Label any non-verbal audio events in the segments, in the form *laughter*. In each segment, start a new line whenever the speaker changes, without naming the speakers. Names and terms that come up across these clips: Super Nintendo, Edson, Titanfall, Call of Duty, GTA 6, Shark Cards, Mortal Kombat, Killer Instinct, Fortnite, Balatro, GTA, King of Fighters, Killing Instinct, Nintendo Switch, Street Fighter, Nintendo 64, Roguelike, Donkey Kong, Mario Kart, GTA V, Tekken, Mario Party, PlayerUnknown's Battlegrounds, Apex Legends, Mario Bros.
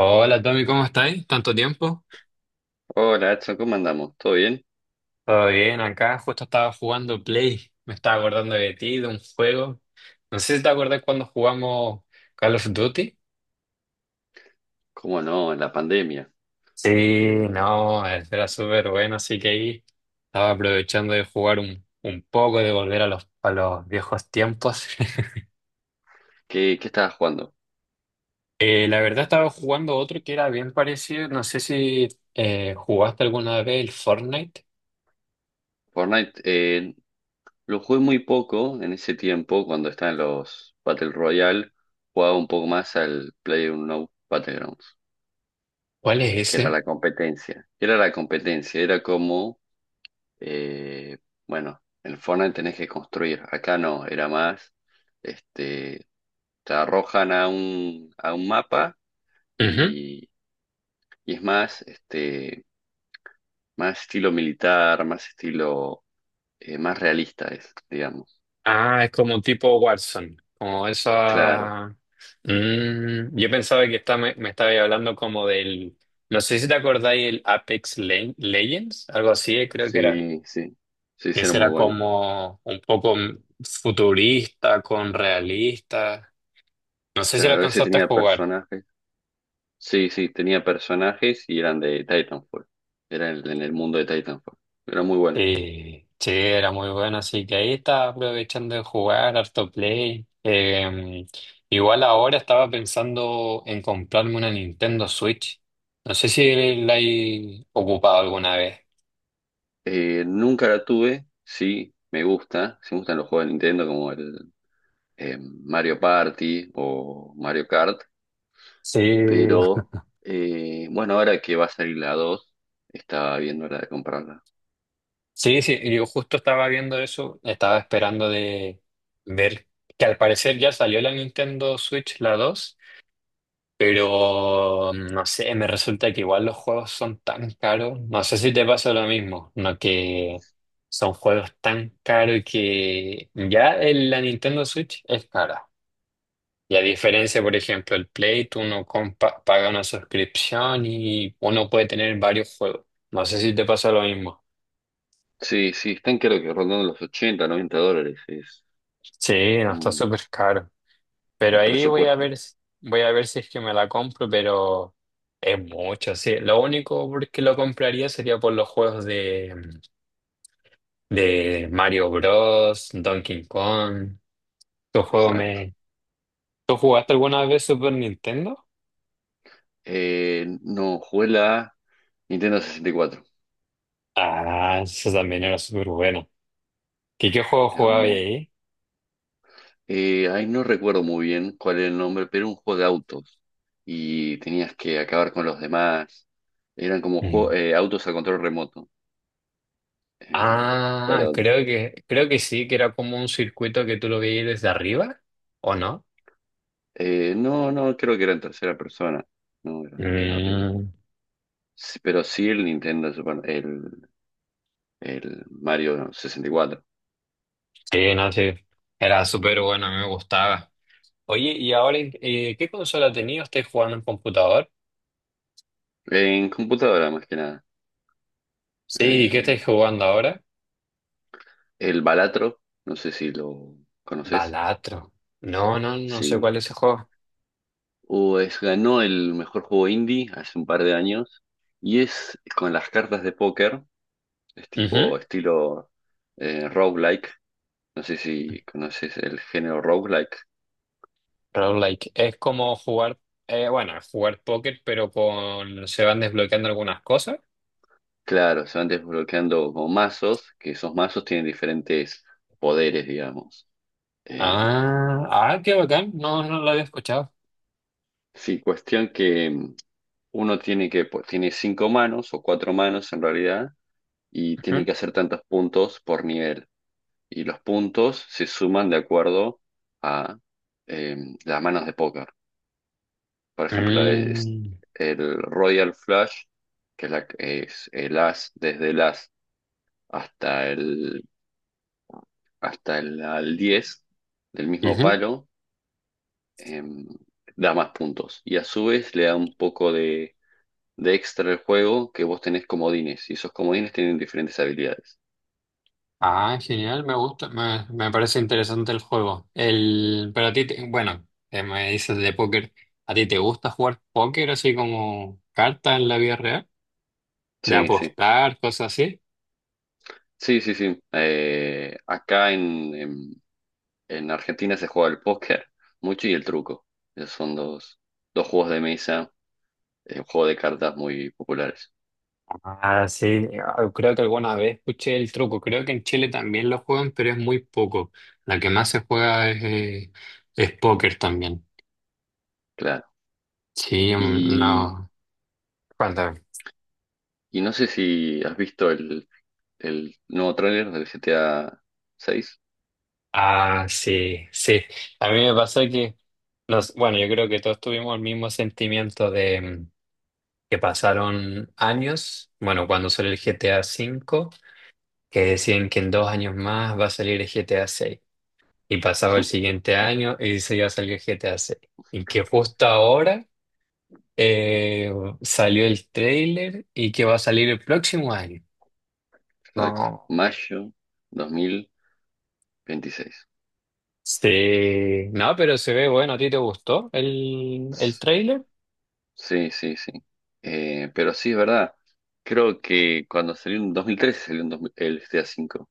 Hola Tommy, ¿cómo estáis? ¿Tanto tiempo?
Hola, Edson, ¿cómo andamos? ¿Todo bien?
Todo bien, acá justo estaba jugando Play. Me estaba acordando de ti, de un juego. No sé si te acuerdas cuando jugamos Call of Duty.
¿Cómo no? En la pandemia.
Sí,
Eh,
no, era súper bueno, así que ahí estaba aprovechando de jugar un poco, de volver a los viejos tiempos. *laughs*
¿qué estabas jugando?
La verdad estaba jugando otro que era bien parecido. No sé si jugaste alguna vez el Fortnite.
Fortnite, lo jugué muy poco en ese tiempo, cuando estaban los Battle Royale, jugaba un poco más al PlayerUnknown's Battlegrounds,
¿Cuál es
que era
ese?
la competencia. Era la competencia, era como, eh, bueno, en Fortnite tenés que construir, acá no, era más, este, te arrojan a un mapa y, y es más, Más estilo militar, más estilo, más realista es, digamos.
Ah, es como un tipo Watson, como
Claro,
esa. Mm, yo pensaba que está, me estaba hablando como del. No sé si te acordáis el Apex Legends, algo así, creo que era.
sí, sí, sí,
Que
ese era
ese
muy
era
bueno.
como un poco futurista, con realista. No sé si lo
Claro, ese
alcanzaste a
tenía
jugar.
personajes, sí, sí, tenía personajes y eran de Titanfall, era en el mundo de Titanfall, era muy bueno.
Sí, sí, era muy bueno, así que ahí estaba aprovechando de jugar, harto play. Igual ahora estaba pensando en comprarme una Nintendo Switch. No sé si la he ocupado alguna vez.
Nunca la tuve, sí, me gusta, sí me gustan los juegos de Nintendo como el Mario Party o Mario Kart,
Sí,
pero bueno, ahora que va a salir la 2 estaba viendo la de comprarla.
sí, sí, yo justo estaba viendo eso, estaba esperando de ver que al parecer ya salió la Nintendo Switch, la dos. Pero no sé, me resulta que igual los juegos son tan caros. No sé si te pasa lo mismo, no que son juegos tan caros que ya la Nintendo Switch es cara. Y a diferencia, por ejemplo, el Play, paga una suscripción y uno puede tener varios juegos. No sé si te pasa lo mismo.
Sí, sí, están creo que rondando los $80, $90, es
Sí, no está
un,
súper caro. Pero
un
ahí voy a
presupuesto,
ver, voy a ver si es que me la compro, pero es mucho, sí. Lo único por que lo compraría sería por los juegos de Mario Bros, Donkey Kong. ¿Tu juego
exacto.
me... ¿Tú jugaste alguna vez Super Nintendo?
No, jugué la Nintendo 64,
Ah, eso también era súper bueno. ¿Qué, qué juego
era
jugaba
muy-
ahí?
ahí no recuerdo muy bien cuál era el nombre, pero era un juego de autos y tenías que acabar con los demás, eran como
Mm.
autos a control remoto. Eh,
Ah,
pero
creo que sí, que era como un circuito que tú lo veías desde arriba, ¿o no?
no, no, creo que era en tercera persona, no, era de arriba.
Mm,
Sí, pero sí el el Mario 64.
sí, no, sí. Era súper bueno, a mí me gustaba. Oye, ¿y ahora qué consola tenías? ¿Estás jugando en computador?
En computadora más que nada.
Sí,
Eh,
¿qué estás jugando ahora?
el Balatro, no sé si lo conoces.
Balatro. No, no, no sé
Sí.
cuál es ese juego.
O es, ganó el mejor juego indie hace un par de años. Y es con las cartas de póker. Es
Ujú.
tipo estilo roguelike. No sé si conoces el género roguelike.
Roguelike. Es como es jugar póker, pero con se van desbloqueando algunas cosas.
Claro, se van desbloqueando como mazos, que esos mazos tienen diferentes poderes, digamos. Eh,
Ah, ah, qué bacán. No, no lo había escuchado.
sí, cuestión que uno tiene que, pues, tiene 5 manos o 4 manos en realidad y tiene
Ujú.
que hacer tantos puntos por nivel. Y los puntos se suman de acuerdo a eh, las manos de póker. Por ejemplo, es
Mm,
el Royal Flush, que es, es el as desde el as hasta el, hasta el al 10 del mismo
ujú.
palo, eh, da más puntos. Y a su vez le da un poco de extra al juego que vos tenés comodines. Y esos comodines tienen diferentes habilidades.
Ah, genial, me gusta, me parece interesante el juego. Pero a ti, bueno, me dices de póker, ¿a ti te gusta jugar póker así como cartas en la vida real? ¿De
Sí, sí.
apostar, cosas así?
Sí, sí, sí. Acá en Argentina se juega el póker mucho y el truco. Esos son dos juegos de mesa, un juego de cartas muy populares.
Ah, sí, ah, creo que alguna vez escuché el truco, creo que en Chile también lo juegan, pero es muy poco. La que más se juega es póker también.
Claro.
Sí, mm, no.
Y, y no sé si has visto el nuevo tráiler del GTA 6.
Ah, sí, sí. A mí me pasó que, nos, bueno, yo creo que todos tuvimos el mismo sentimiento de que pasaron años, bueno, cuando salió el GTA 5 que decían que en dos años más va a salir el GTA 6. Y pasaba el
*laughs*
siguiente año y se iba a salir el GTA 6. Y que justo ahora eh, salió el trailer y que va a salir el próximo año.
Exacto.
No.
Mayo 2026.
Sí, no, pero se ve bueno. ¿A ti te gustó el trailer?
Sí, sí, sí. Pero sí, es verdad. Creo que cuando salió en 2013 salió en dos- mil el GTA V.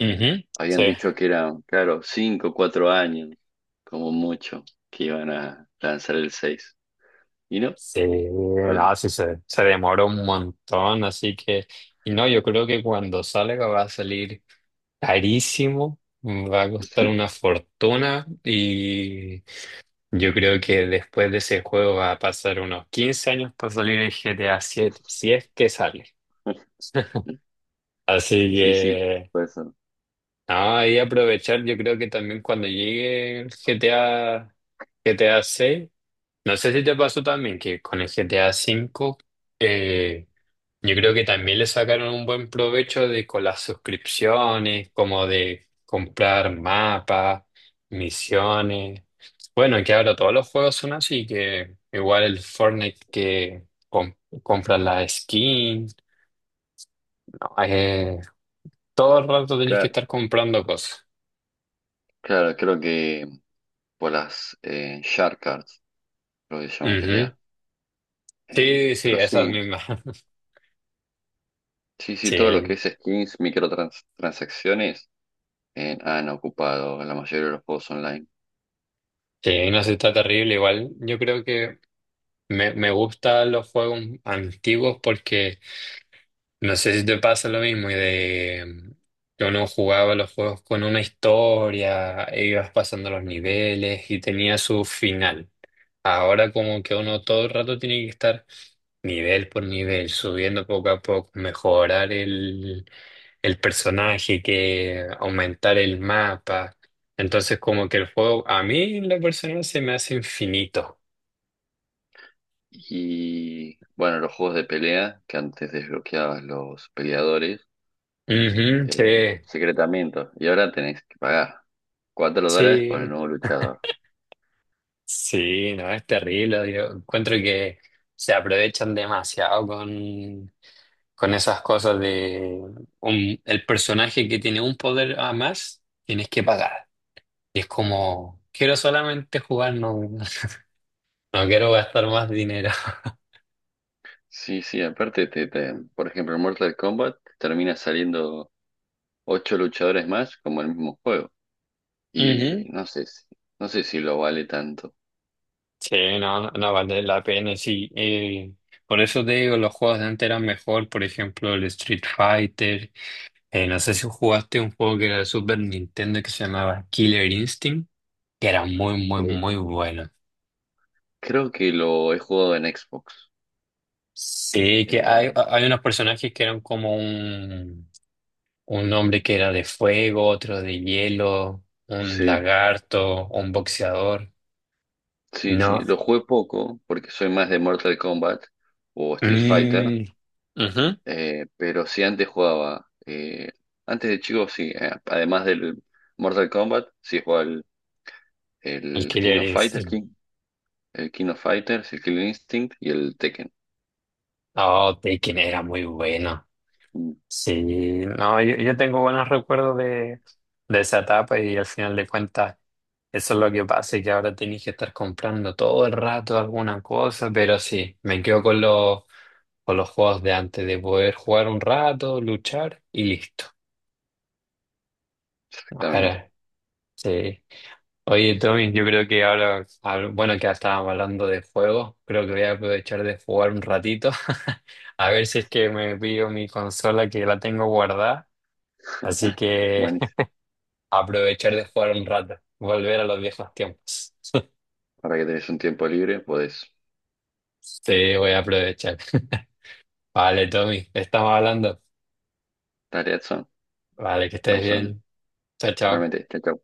Ujú. Sí,
Habían dicho que eran, claro, 5, o 4 años, como mucho, que iban a lanzar el 6. ¿Y no?
sí,
Perdón.
no, sí se demora un montón, así que, y no, yo creo que cuando salga va a salir carísimo, va a costar una fortuna y yo creo que después de ese juego va a pasar unos 15 años para salir el GTA 7 si es que sale. *laughs* Así
Sí, sí,
que,
puede ser.
no, ahí aprovechar, yo creo que también cuando llegue el GTA 6. No sé si te pasó también que con el GTA 5 eh, yo creo que también le sacaron un buen provecho de con las suscripciones, como de comprar mapas, misiones. Bueno, que ahora todos los juegos son así, que igual el Fortnite que compras la skin, no, todo el rato tenés que
Claro,
estar comprando cosas.
claro, creo que por las Shark Cards, lo que se llaman
Ujú.
GTA. Eh,
Sí, sí,
pero
esas
sí,
mismas. *laughs*
sí, sí, todo lo que
Sí,
es skins, microtransacciones han ocupado la mayoría de los juegos online.
sí, no sé, está terrible igual. Yo creo que me gustan los juegos antiguos porque no sé si te pasa lo mismo y de que uno jugaba los juegos con una historia, e ibas pasando los niveles y tenía su final. Ahora como que uno todo el rato tiene que estar nivel por nivel, subiendo poco a poco, mejorar el personaje, que aumentar el mapa. Entonces como que el juego a mí en la persona se me hace infinito.
Y bueno, los juegos de pelea, que antes desbloqueabas los peleadores,
Ujú, sí.
eh, secretamiento. Y ahora tenés que pagar $4 por el
Sí,
nuevo luchador.
sí, no, es terrible. Yo encuentro que se aprovechan demasiado con esas cosas de el personaje que tiene un poder a más, tienes que pagar. Y es como, quiero solamente jugar, no, no quiero gastar más dinero. *laughs*
Sí, sí, aparte, por ejemplo, en Mortal Kombat te termina saliendo 8 luchadores más como el mismo juego. Y
Ujú.
no sé si lo vale tanto.
Sí, no, no, no vale la pena, sí. Por eso te digo, los juegos de antes eran mejor, por ejemplo, el Street Fighter. No sé si jugaste un juego que era de Super Nintendo que se llamaba Killer Instinct, que era muy, muy,
Eh,
muy bueno.
creo que lo he jugado en Xbox.
Sí, que hay,
Eh,
hay unos personajes que eran como un hombre que era de fuego, otro de hielo, un
sí,
lagarto, un boxeador.
sí,
No.
lo jugué poco porque soy más de Mortal Kombat o Street Fighter.
Mm, ujú.
Pero sí, antes jugaba. Antes de chico, sí. Eh, además del Mortal Kombat, sí jugaba
El
el King
Killer
of Fighter,
Instinct.
King, el King of Fighters, el Killing Instinct y el Tekken.
Oh, Tekken era muy bueno.
Mm,
Sí, no, yo tengo buenos recuerdos de esa etapa y al final de cuentas. Eso es lo que pasa, y que ahora tenéis que estar comprando todo el rato alguna cosa, pero sí, me quedo con los juegos de antes, de poder jugar un rato, luchar y listo.
Exactamente.
Ahora, sí. Oye, Tommy, yo creo que ahora, ah, bueno, que ya estábamos hablando de juegos, creo que voy a aprovechar de jugar un ratito, *laughs* a ver si es que me pillo mi consola que la tengo guardada, así que
Bueno,
*laughs* aprovechar de jugar un rato, volver a los viejos tiempos. *laughs*
para que tenés un tiempo libre, podés.
Sí, voy a aprovechar. *laughs* Vale, Tommy, estamos hablando.
Tarea son.
Vale, que estés
Estamos hablando.
bien. Chao, chao.
Realmente, chao. Chao.